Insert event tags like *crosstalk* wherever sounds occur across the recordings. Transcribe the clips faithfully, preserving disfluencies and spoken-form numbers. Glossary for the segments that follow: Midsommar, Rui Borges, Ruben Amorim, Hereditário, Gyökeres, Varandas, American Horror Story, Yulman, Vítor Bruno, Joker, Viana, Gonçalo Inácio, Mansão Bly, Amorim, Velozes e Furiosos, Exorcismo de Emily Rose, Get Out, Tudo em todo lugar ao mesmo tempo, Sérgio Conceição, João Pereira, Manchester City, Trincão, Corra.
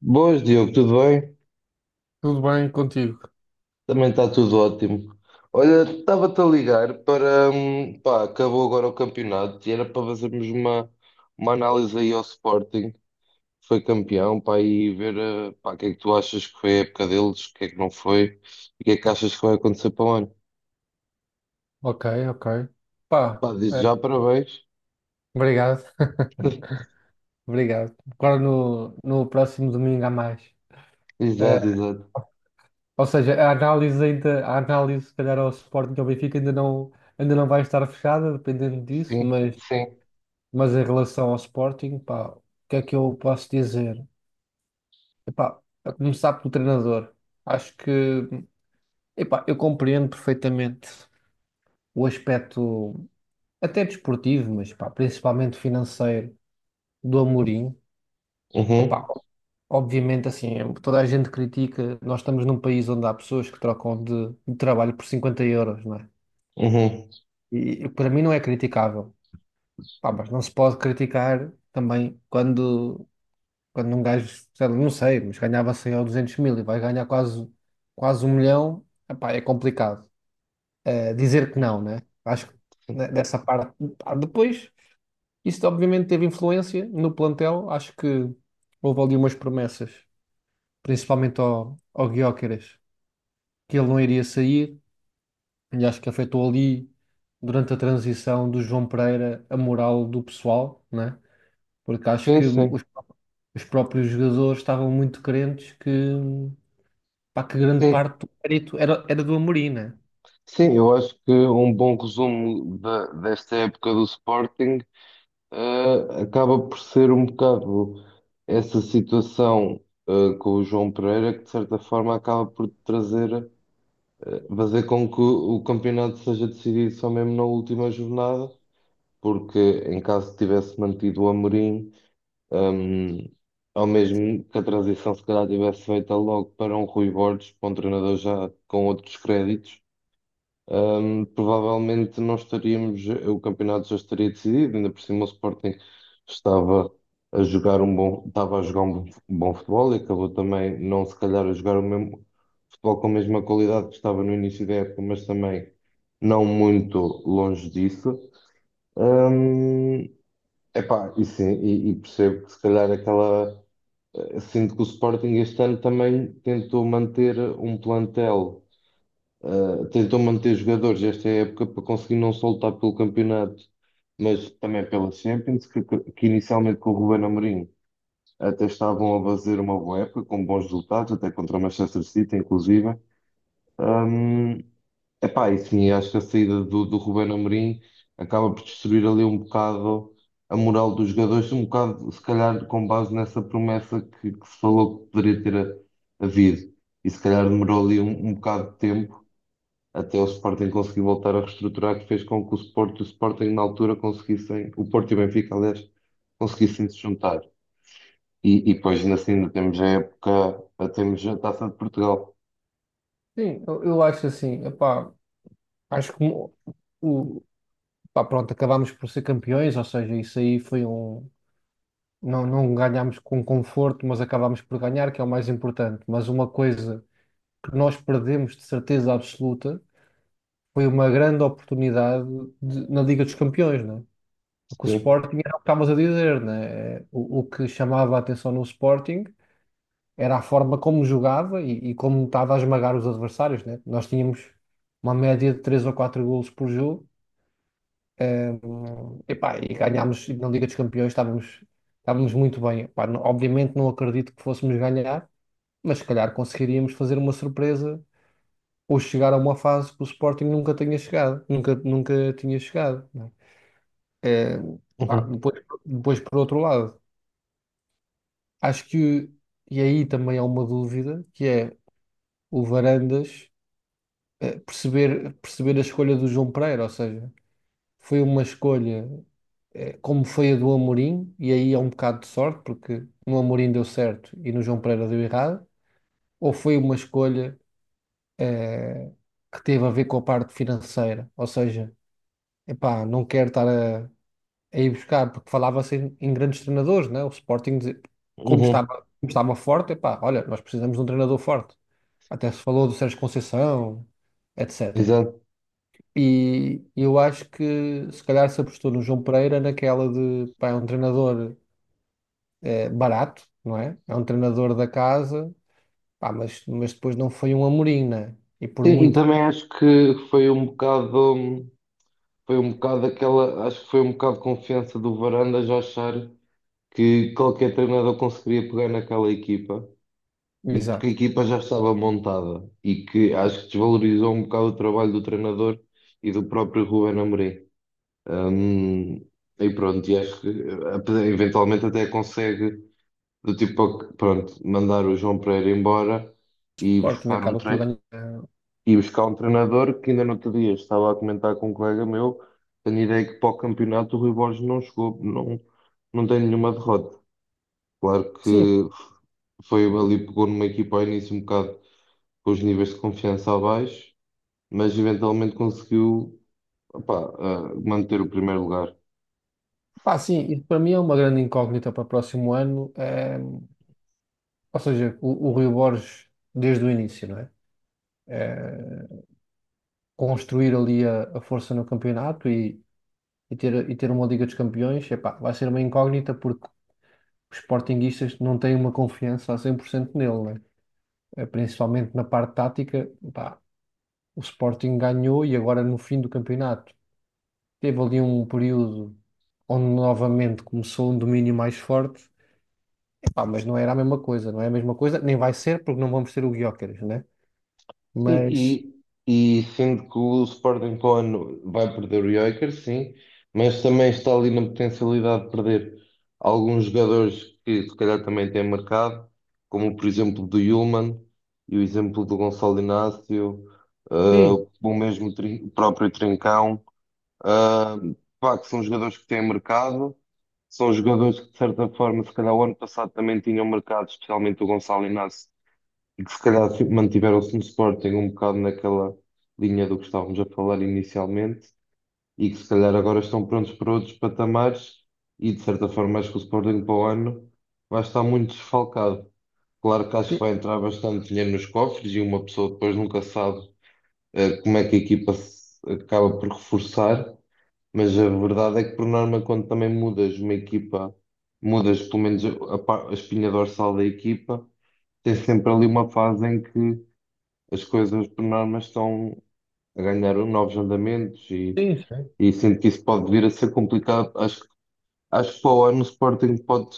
Boas, Diogo, tudo bem? Tudo bem contigo? Também está tudo ótimo. Olha, estava-te a ligar para. hum, Pá, acabou agora o campeonato e era para fazermos uma, uma análise aí ao Sporting, que foi campeão, pá, e ver eh, pá, o que é que tu achas que foi a época deles, o que é que não foi e o que é que achas que vai acontecer para o ano. Ok, ok. Pá, Pá, diz eh, já parabéns. obrigado, *laughs* *laughs* obrigado. Agora no, no próximo domingo há mais. Eh, Exato, exato. ou seja, a análise ainda, a análise, se calhar, ao Sporting e ao Benfica ainda não, ainda não vai estar fechada, dependendo disso, Sim, mas, sim. mas em relação ao Sporting, pá, o que é que eu posso dizer? Epá, a começar pelo treinador. Acho que, epá, eu compreendo perfeitamente o aspecto, até desportivo, mas pá, principalmente financeiro, do Amorim. Opa, Uhum, obviamente, assim, toda a gente critica. Nós estamos num país onde há pessoas que trocam de, de trabalho por cinquenta euros, não é? uhum. E, e para mim não é criticável. Pá, mas não se pode criticar também quando, quando um gajo, sei lá, não sei, mas ganhava cem ou duzentos mil e vai ganhar quase, quase um milhão. Epá, é complicado. Eh, dizer que não, né? Acho que né, dessa parte. Pá, depois. Isso obviamente teve influência no plantel. Acho que houve ali umas promessas principalmente ao, ao Gyökeres, que ele não iria sair, e acho que afetou ali, durante a transição do João Pereira, a moral do pessoal, né? Porque acho Sim, que sim, os, os próprios jogadores estavam muito crentes que, pá, que grande sim. parte do mérito era, era do Amorim, né? Sim, eu acho que um bom resumo da- desta época do Sporting. Uh, acaba por ser um bocado essa situação, uh, com o João Pereira que, de certa forma, acaba por trazer, uh, fazer com que o o campeonato seja decidido só mesmo na última jornada, porque em caso tivesse mantido o Amorim, um, ou mesmo que a transição se calhar tivesse feita logo para um Rui Borges, para um treinador já com outros créditos. Ahm, provavelmente não estaríamos, o campeonato já estaria decidido, ainda por cima o Sporting estava a jogar um bom, estava a jogar um bom, um bom futebol e acabou também não se calhar a jogar o mesmo futebol com a mesma qualidade que estava no início da época, mas também não muito longe disso. Hum, Epá, e sim, e, e percebo que se calhar aquela. eh, Sinto que o Sporting este ano também tentou manter um plantel. Uh, tentou manter jogadores esta época para conseguir não só lutar pelo campeonato, mas também pela Champions, que, que- inicialmente com o Ruben Amorim até estavam a fazer uma boa época, com bons resultados, até contra o Manchester City, inclusive. Um, Epá, e sim, acho que a saída do, do Ruben Amorim acaba por destruir ali um bocado a moral dos jogadores, um bocado, se calhar, com base nessa promessa que, que se falou que poderia ter havido. E se calhar demorou ali um, um bocado de tempo até o Sporting conseguir voltar a reestruturar, que fez com que o Sport e o Sporting na altura conseguissem, o Porto e o Benfica, aliás, conseguissem se juntar. E, e depois ainda assim ainda temos a época, a- temos a Taça de Portugal. Sim, eu, eu acho assim, epá, acho que o, o- pá, pronto, acabámos por ser campeões, ou seja, isso aí foi um. Não, não ganhámos com conforto, mas acabámos por ganhar, que é o mais importante. Mas uma coisa que nós perdemos de certeza absoluta foi uma grande oportunidade de- na Liga dos Campeões, né? Porque o Sim. Sporting era o que estavas a dizer, né? O, o que chamava a atenção no Sporting era a forma como jogava e, e como estava a esmagar os adversários, né? Nós tínhamos uma média de três ou quatro golos por jogo, eh, epá, e ganhámos na Liga dos Campeões, estávamos, estávamos muito bem. Epá, não- obviamente não acredito que fôssemos ganhar, mas se calhar conseguiríamos fazer uma surpresa ou chegar a uma fase que o Sporting nunca tenha chegado, nunca, nunca tinha chegado, não é? Eh, pá, Uhum. depois, depois, por outro lado, acho que, e aí também há uma dúvida, que é o Varandas eh, perceber, perceber a escolha do João Pereira, ou seja, foi uma escolha eh, como foi a do Amorim, e aí é um bocado de sorte, porque no Amorim deu certo e no João Pereira deu errado, ou foi uma escolha eh, que teve a ver com a parte financeira, ou seja, epá, não quero estar a, a ir buscar, porque falava-se em, em grandes treinadores, né? O Sporting, dizer- como estava, Uhum. como estava forte, epá, olha, nós precisamos de um treinador forte. Até se falou do Sérgio Conceição, etcétera. Exato. E eu acho que se calhar se apostou no João Pereira naquela de, pá, é um treinador eh, barato, não é? É um treinador da casa, pá, mas, mas depois não foi um Amorim, né? E por Sim, e muito. também acho que foi um bocado, foi um bocado aquela, acho que foi um bocado de confiança do Varandas a achar que qualquer treinador conseguiria pegar naquela equipa e porque a Exato. equipa já estava montada e que acho que desvalorizou um bocado o trabalho do treinador e do próprio Ruben Amorim. Hum, e pronto, e acho que eh, eventualmente até consegue do tipo, pronto, mandar o João Pereira embora O e Sporting buscar um acaba por tre ganhar. e buscar um treinador que ainda no outro dia estava a comentar com um colega meu, tenho ideia que para o campeonato o Rui Borges não chegou, não, não tem nenhuma derrota. Claro Sim, que foi ali, pegou numa equipa ao início um bocado com os níveis de confiança abaixo, mas eventualmente conseguiu opá, ah, manter o primeiro lugar. pá, sim, isso para mim é uma grande incógnita para o próximo ano. eh, ou seja, o, o Rui Borges, desde o início, não é? Eh, construir ali a, a força no campeonato e, e ter, e ter uma Liga dos Campeões, epá, vai ser uma incógnita porque os sportinguistas não têm uma confiança a cem por cento nele, não é? Eh, Principalmente na parte tática, pá, o Sporting ganhou e agora no fim do campeonato teve ali um período onde novamente começou um domínio mais forte. Pá, mas não era a mesma coisa, não é a mesma coisa, nem vai ser porque não vamos ter o Gyökeres, né? Mas Sim, e, e sendo que o Sporting para o ano vai perder o Joker, sim, mas também está ali na potencialidade de perder alguns jogadores que se calhar também têm marcado, como por exemplo do Yulman e o exemplo do Gonçalo Inácio, ah, sim, o mesmo Trin- o próprio Trincão. Ah, Pá, que são jogadores que têm mercado, são jogadores que, de certa forma, se calhar o ano passado também tinham mercado, especialmente o Gonçalo Inácio, e que se calhar fi- mantiveram-se no Sporting um bocado naquela linha do que estávamos a falar inicialmente, e que se calhar agora estão prontos para outros patamares, e de certa forma acho que o Sporting para o ano vai estar muito desfalcado. Claro que acho que sim, vai entrar bastante dinheiro nos cofres, e uma pessoa depois nunca sabe, eh, como é que a equipa se acaba por reforçar. Mas a verdade é que, por norma, quando também mudas uma equipa, mudas pelo menos a, pa- a espinha dorsal da equipa, tens sempre ali uma fase em que as coisas, por norma, estão a ganhar novos andamentos e, sim. Sim. e sinto que isso pode vir a ser complicado. Acho, que- acho que para o ano o Sporting pode,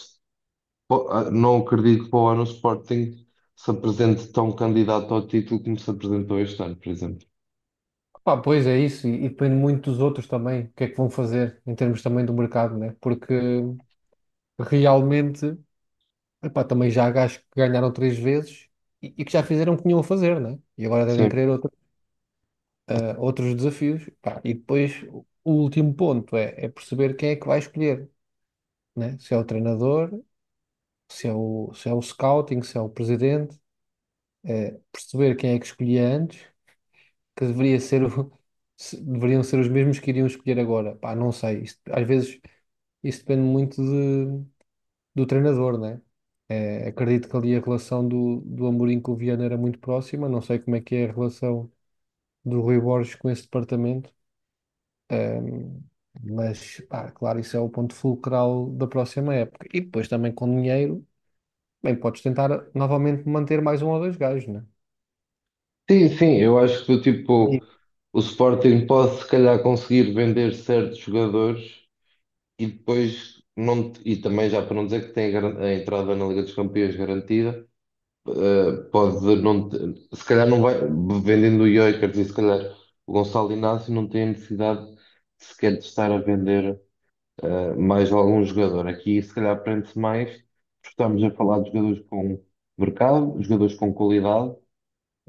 po- ah, não acredito que para o ano o Sporting se apresente tão candidato ao título como se apresentou este ano, por exemplo. Pá, pois é isso, e, e depende muito dos outros também, o que é que vão fazer em termos também do mercado, né? Porque realmente, epá, também já há gajos que ganharam três vezes e, e que já fizeram o que tinham a fazer, né? E agora devem Sim. querer outro- eh, outros desafios. Pá, e depois o o último ponto é, é perceber quem é que vai escolher, né? Se é o treinador, se é o, se é o scouting, se é o presidente. eh, perceber quem é que escolhi antes, que deveria ser o- *laughs* se- deveriam ser os mesmos que iriam escolher agora. Pá, não sei. Isto- às vezes isso depende muito de- do treinador, né? Eh, acredito que ali a relação do, do Amorim com o Viana era muito próxima. Não sei como é que é a relação do Rui Borges com esse departamento. Ehm, mas, pá, claro, isso é o ponto fulcral da próxima época. E depois também com dinheiro, bem, podes tentar novamente manter mais um ou dois gajos, né? Sim, sim, eu acho que Aí. tipo, o Sporting pode se calhar conseguir vender certos jogadores e depois não, te- e também já para não dizer que tem a, garan- a entrada na Liga dos Campeões garantida, eh, pode não te- se calhar não vai vendendo o Gyökeres e se calhar o Gonçalo Inácio não tem a necessidade sequer de estar a vender eh, mais algum jogador. Aqui se calhar prende-se mais, porque estamos a falar de jogadores com mercado, jogadores com qualidade,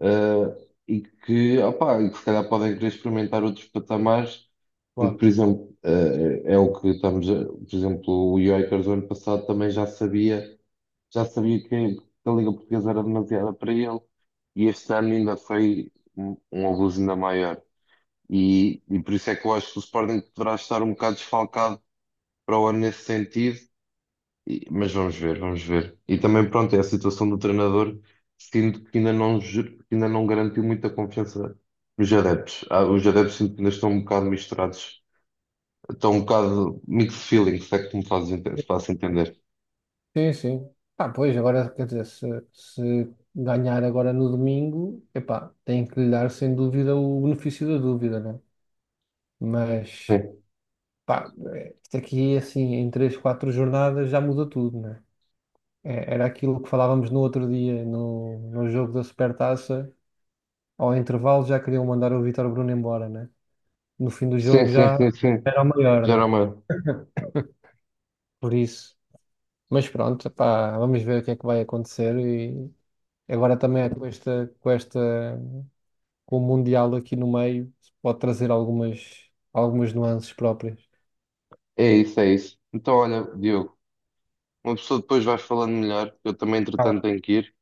eh, e que, opá, e que se calhar podem querer experimentar outros patamares, porque, por exemplo, eh, é o que estamos, a- por exemplo, o Jokers do ano passado também já sabia, já sabia que, que a Liga Portuguesa era demasiada para ele, e este ano ainda foi um, um abuso ainda maior. E, e por isso é que eu acho que o Sporting poderá estar um bocado desfalcado para o ano nesse sentido e- mas vamos ver, vamos ver. E também, pronto, é a situação do treinador, sinto que ainda não, ju- que ainda não garantiu muita confiança nos adeptos. Ah, os adeptos sinto que ainda estão um bocado misturados, estão um bocado mixed feelings, se é que tu me fazes ente- faço entender. Sim, sim. Pá, pois, agora, quer dizer, se, se ganhar agora no domingo, epá, tem que lhe dar sem dúvida o benefício da dúvida, né? Mas, Sim, pá, é, isto aqui, assim, em três, quatro jornadas já muda tudo, né? É, era aquilo que falávamos no outro dia, no, no jogo da Supertaça, ao intervalo já queriam mandar o Vítor Bruno embora, né? No fim do sim, jogo sim, já sim, sim. era o maior, né? Geralmente, Por isso. Mas pronto, epá, vamos ver o que é que vai acontecer e agora também é com esta, com esta. Com o Mundial aqui no meio, pode trazer algumas, algumas nuances próprias. é isso, é isso. Então, olha, Diogo, uma pessoa depois vais falando melhor, eu também, Tá entretanto, bom. tenho que ir,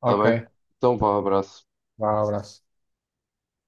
está Ok, bem? Então, vá, abraço. vá, abraço.